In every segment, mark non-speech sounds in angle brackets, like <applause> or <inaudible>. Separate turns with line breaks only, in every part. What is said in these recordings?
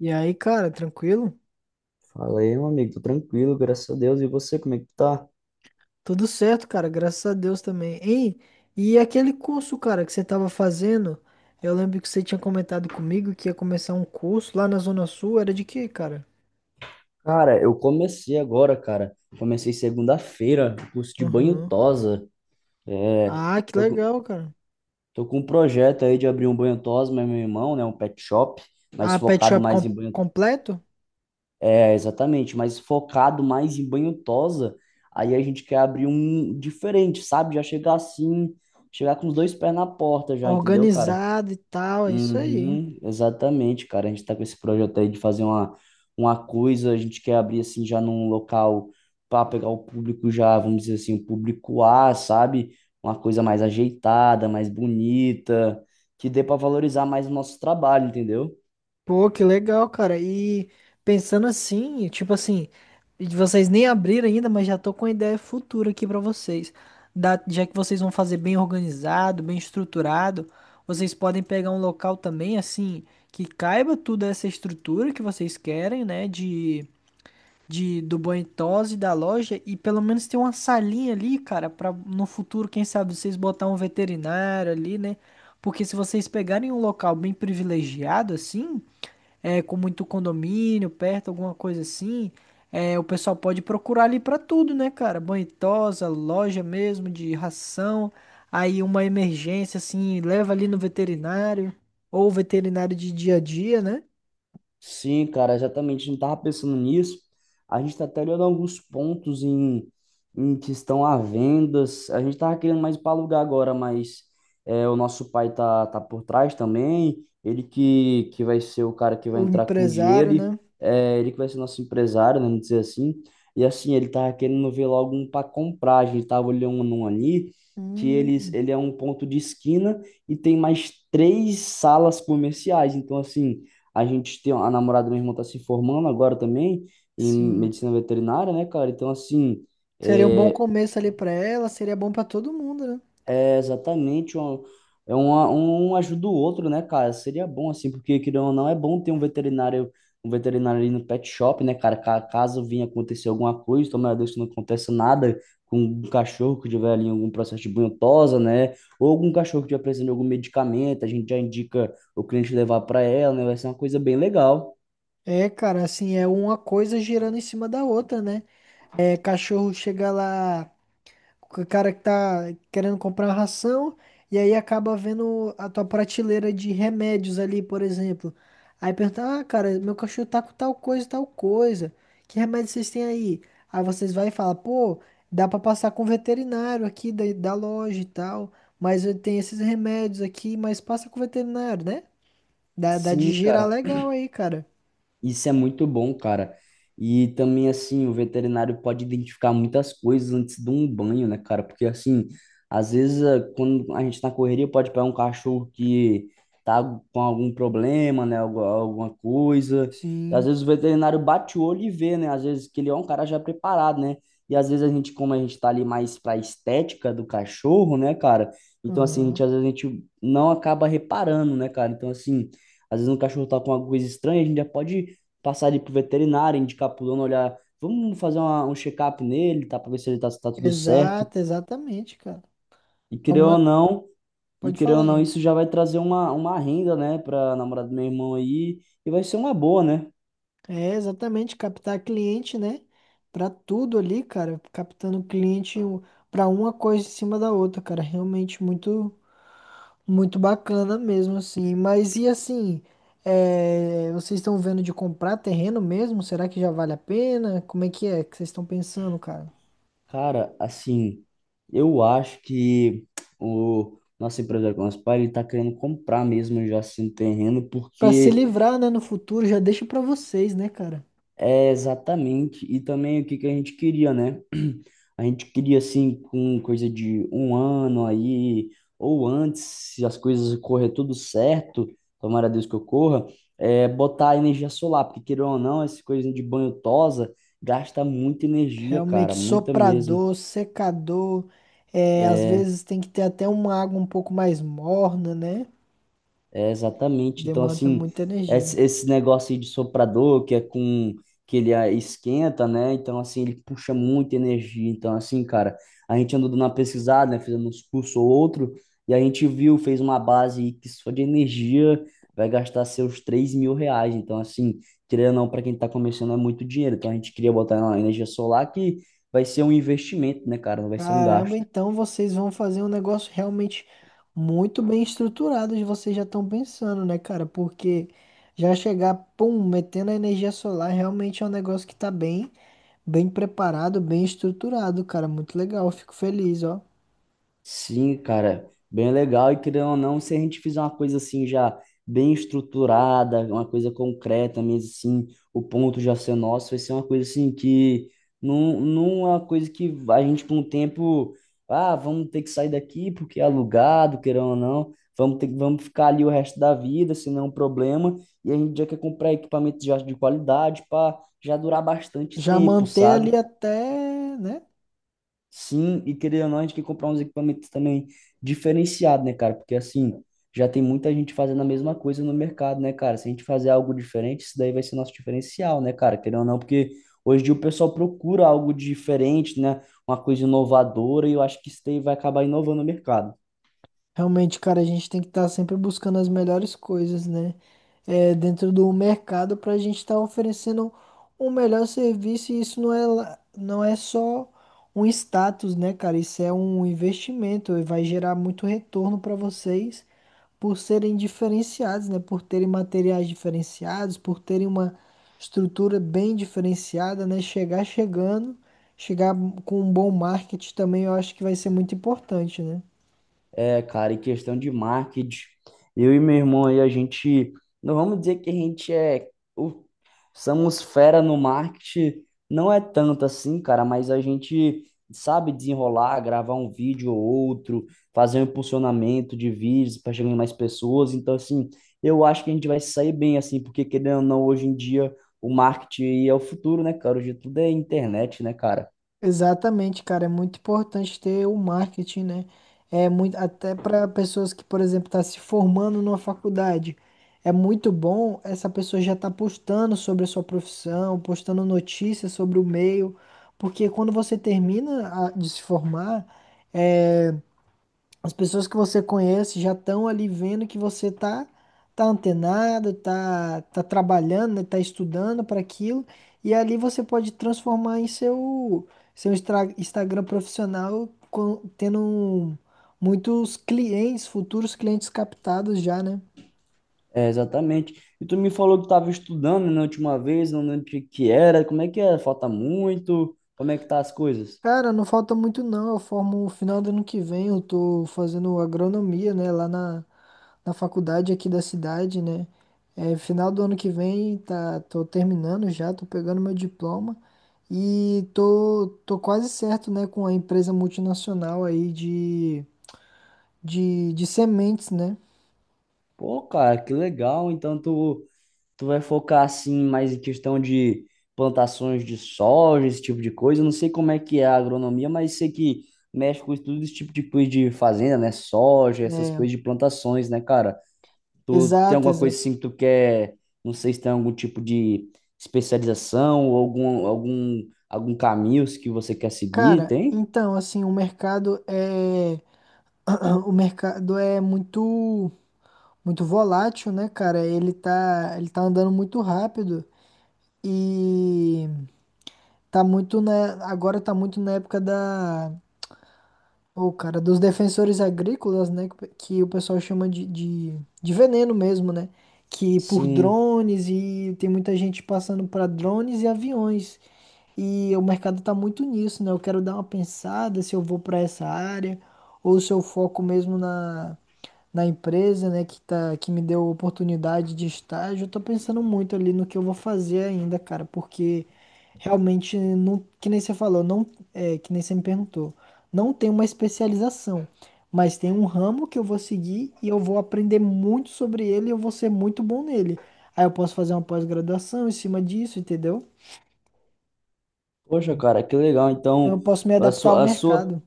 E aí, cara, tranquilo?
Fala aí, meu amigo, tô tranquilo, graças a Deus. E você, como é que tá?
Tudo certo, cara, graças a Deus também. Hein? E aquele curso, cara, que você tava fazendo, eu lembro que você tinha comentado comigo que ia começar um curso lá na Zona Sul, era de quê, cara?
Cara, eu comecei agora, cara. Comecei segunda-feira, curso de banho
Aham.
tosa. É,
Ah, que
tô, com-
legal, cara.
tô com um projeto aí de abrir um banho tosa, mas meu irmão, né? Um pet shop, mas
Ah, pet
focado
shop
mais em banho.
completo?
É, exatamente, mas focado mais em banho tosa. Aí a gente quer abrir um diferente, sabe? Já chegar assim, chegar com os dois pés na porta já, entendeu, cara?
Organizado e tal, é isso aí.
Uhum, exatamente, cara. A gente tá com esse projeto aí de fazer uma coisa, a gente quer abrir assim já num local para pegar o público já, vamos dizer assim, o público A, sabe? Uma coisa mais ajeitada, mais bonita, que dê para valorizar mais o nosso trabalho, entendeu?
Pô, que legal, cara. E pensando assim, tipo assim, vocês nem abriram ainda, mas já tô com uma ideia futura aqui pra vocês. Já que vocês vão fazer bem organizado, bem estruturado, vocês podem pegar um local também, assim, que caiba tudo essa estrutura que vocês querem, né? De do Boentosa e da loja, e pelo menos ter uma salinha ali, cara, pra no futuro, quem sabe, vocês botar um veterinário ali, né? Porque se vocês pegarem um local bem privilegiado, assim é, com muito condomínio perto, alguma coisa assim, é, o pessoal pode procurar ali pra tudo, né, cara? Banho e tosa, loja mesmo de ração, aí uma emergência assim, leva ali no veterinário, ou veterinário de dia a dia, né?
Sim, cara, exatamente. A gente estava pensando nisso. A gente está até olhando alguns pontos em que estão à vendas. A gente estava querendo mais para alugar agora, mas é, o nosso pai tá por trás também. Ele que vai ser o cara que vai
O
entrar com o
empresário,
dinheiro.
né?
É, ele que vai ser nosso empresário, né, vamos dizer assim. E assim, ele estava querendo ver logo um para comprar. A gente estava olhando um ali que eles,
Hum,
ele é um ponto de esquina e tem mais três salas comerciais. Então, assim. A gente tem a namorada do meu irmão tá se formando agora também em
sim.
medicina veterinária, né, cara? Então, assim,
Seria um bom
é,
começo ali pra ela, seria bom pra todo mundo, né?
é exatamente um, é uma, um ajuda o outro, né, cara? Seria bom, assim, porque, querendo ou não, é bom ter um veterinário ali no pet shop, né, cara? Caso vinha acontecer alguma coisa, tomara a Deus que não aconteça nada com um cachorro que tiver ali algum processo de bunhosa, né? Ou algum cachorro que tiver precisando de algum medicamento, a gente já indica o cliente levar para ela, né? Vai ser uma coisa bem legal.
É, cara, assim, é uma coisa girando em cima da outra, né? É, cachorro chega lá, o cara que tá querendo comprar uma ração e aí acaba vendo a tua prateleira de remédios ali, por exemplo. Aí pergunta, ah, cara, meu cachorro tá com tal coisa, tal coisa. Que remédio vocês têm aí? Aí vocês vai e fala, pô, dá pra passar com o veterinário aqui da, da loja e tal, mas eu tenho esses remédios aqui, mas passa com o veterinário, né? Dá
Sim,
de girar
cara.
legal aí, cara.
Isso é muito bom, cara. E também, assim, o veterinário pode identificar muitas coisas antes de um banho, né, cara? Porque, assim, às vezes, quando a gente tá na correria, pode pegar um cachorro que tá com algum problema, né, alguma coisa. E, às
Sim.
vezes, o veterinário bate o olho e vê, né? Às vezes, que ele é um cara já preparado, né? E, às vezes, a gente, como a gente tá ali mais pra estética do cachorro, né, cara? Então, assim, a
Aham.
gente, às vezes, a gente não acaba reparando, né, cara? Então, assim, às vezes, um cachorro tá com alguma coisa estranha, a gente já pode passar ele pro veterinário, indicar pro dono, olhar, vamos fazer um check-up nele, tá? Para ver se ele tá, se tá tudo certo.
Exato, exatamente, cara.
E
É
querendo ou
uma.
não, e
Pode
querendo
falar
ou não,
aí.
isso já vai trazer uma renda, né, pra namorada do meu irmão aí, e vai ser uma boa, né?
É, exatamente, captar cliente, né? Pra tudo ali, cara, captando cliente pra uma coisa em cima da outra, cara, realmente muito, muito bacana mesmo, assim. Mas e assim, é, vocês estão vendo de comprar terreno mesmo? Será que já vale a pena? Como é que vocês estão pensando, cara?
Cara, assim, eu acho que o nosso empresário nosso pai, ele tá querendo comprar mesmo já assim um terreno,
Pra se
porque.
livrar, né, no futuro, já deixa pra vocês, né, cara?
É, exatamente. E também o que que a gente queria, né? <clears throat> A gente queria, assim, com coisa de um ano aí, ou antes, se as coisas correr tudo certo, tomara a Deus que ocorra, botar energia solar, porque queira ou não, essa coisa de banho tosa gasta muita energia,
Realmente,
cara, muita mesmo.
soprador, secador, é, às
É,
vezes tem que ter até uma água um pouco mais morna, né?
Exatamente. Então,
Demanda
assim,
muita energia.
esse negócio aí de soprador, que ele esquenta, né? Então, assim, ele puxa muita energia. Então, assim, cara, a gente andou dando uma pesquisada, né? Fizendo uns cursos ou outro, e a gente viu, fez uma base aí que só de energia vai gastar seus R$ 3.000. Então, assim, querendo ou não, para quem tá começando é muito dinheiro. Então, a gente queria botar na energia solar que vai ser um investimento, né, cara? Não vai ser um
Caramba,
gasto.
então vocês vão fazer um negócio realmente muito bem estruturado, e vocês já estão pensando, né, cara? Porque já chegar, pum, metendo a energia solar, realmente é um negócio que tá bem, bem preparado, bem estruturado, cara. Muito legal, fico feliz, ó.
Sim, cara, bem legal. E querendo ou não, se a gente fizer uma coisa assim já bem estruturada, uma coisa concreta mesmo assim, o ponto já ser nosso, vai ser uma coisa assim que não é uma coisa que a gente por um tempo, ah, vamos ter que sair daqui porque é alugado, querendo ou não, vamos ficar ali o resto da vida, se não é um problema. E a gente já quer comprar equipamento já de qualidade para já durar bastante
Já
tempo,
manter
sabe?
ali até, né?
Sim, e querendo ou não, a gente tem que comprar uns equipamentos também diferenciados, né, cara? Porque assim, já tem muita gente fazendo a mesma coisa no mercado, né, cara? Se a gente fazer algo diferente, isso daí vai ser nosso diferencial, né, cara? Querendo ou não, porque hoje em dia o pessoal procura algo diferente, né? Uma coisa inovadora, e eu acho que isso daí vai acabar inovando o mercado.
Realmente, cara, a gente tem que estar sempre buscando as melhores coisas, né? É, dentro do mercado para a gente estar oferecendo um melhor serviço e isso não é, lá- não é só um status, né, cara? Isso é um investimento e vai gerar muito retorno para vocês por serem diferenciados, né? Por terem materiais diferenciados, por terem uma estrutura bem diferenciada, né? Chegar chegando, chegar com um bom marketing também, eu acho que vai ser muito importante, né?
É, cara, e questão de marketing, eu e meu irmão aí, a gente, não vamos dizer que a gente é, o- somos fera no marketing, não é tanto assim, cara, mas a gente sabe desenrolar, gravar um vídeo ou outro, fazer um impulsionamento de vídeos para chegar em mais pessoas, então, assim, eu acho que a gente vai se sair bem, assim, porque querendo ou não, hoje em dia, o marketing aí é o futuro, né, cara? Hoje tudo é internet, né, cara?
Exatamente, cara, é muito importante ter o marketing, né? É muito até para pessoas que, por exemplo, tá se formando numa faculdade. É muito bom essa pessoa já tá postando sobre a sua profissão, postando notícias sobre o meio, porque quando você termina de se formar, eh, as pessoas que você conhece já estão ali vendo que você tá tá antenado, tá trabalhando, né, tá estudando para aquilo, e ali você pode transformar em seu Instagram profissional tendo muitos clientes, futuros clientes captados já, né?
É, exatamente. E tu me falou que estava estudando né, na última vez, não lembro o que que era, como é que é? Falta muito? Como é que tá as coisas?
Cara, não falta muito não. Eu formo no final do ano que vem, eu tô fazendo agronomia, né, lá na faculdade aqui da cidade, né? É, final do ano que vem, tá, tô terminando já, tô pegando meu diploma e tô, tô quase certo, né, com a empresa multinacional aí de, de sementes, né?
Pô, cara, que legal. Então tu vai focar assim mais em questão de plantações de soja, esse tipo de coisa. Eu não sei como é que é a agronomia, mas sei que mexe com tudo esse tipo de coisa de fazenda, né? Soja, essas
É,
coisas de plantações, né, cara? Tu tem
exato,
alguma coisa
exato.
assim que tu quer, não sei se tem algum tipo de especialização ou algum caminho que você quer seguir,
Cara,
tem?
então, assim, o mercado é <clears throat> o mercado é muito muito volátil, né, cara? Ele tá andando muito rápido e tá muito na agora tá muito na época da. O cara dos defensores agrícolas, né? Que o pessoal chama de, de veneno mesmo, né? Que por
Sim.
drones e tem muita gente passando para drones e aviões. E o mercado tá muito nisso, né? Eu quero dar uma pensada se eu vou para essa área ou se eu foco mesmo na, na empresa, né? Que, tá, que me deu a oportunidade de estágio. Eu tô pensando muito ali no que eu vou fazer ainda, cara, porque realmente não, que nem você falou, não, é, que nem você me perguntou, não tem uma especialização, mas tem um ramo que eu vou seguir e eu vou aprender muito sobre ele e eu vou ser muito bom nele. Aí eu posso fazer uma pós-graduação em cima disso, entendeu?
Poxa, cara, que legal.
Então
Então,
eu posso me
a
adaptar ao
sua, a sua,
mercado.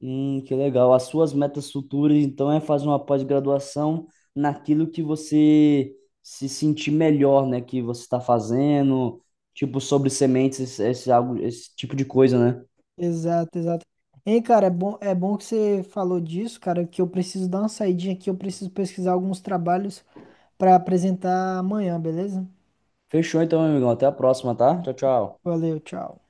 que legal. As suas metas futuras, então, é fazer uma pós-graduação naquilo que você se sentir melhor, né? Que você está fazendo, tipo, sobre sementes, esse tipo de coisa, né?
Exato, exato. Hein, cara, é bom que você falou disso, cara, que eu preciso dar uma saidinha aqui, eu preciso pesquisar alguns trabalhos para apresentar amanhã, beleza?
Fechou então, meu amigão. Até a próxima, tá? Tchau, tchau.
Valeu, tchau.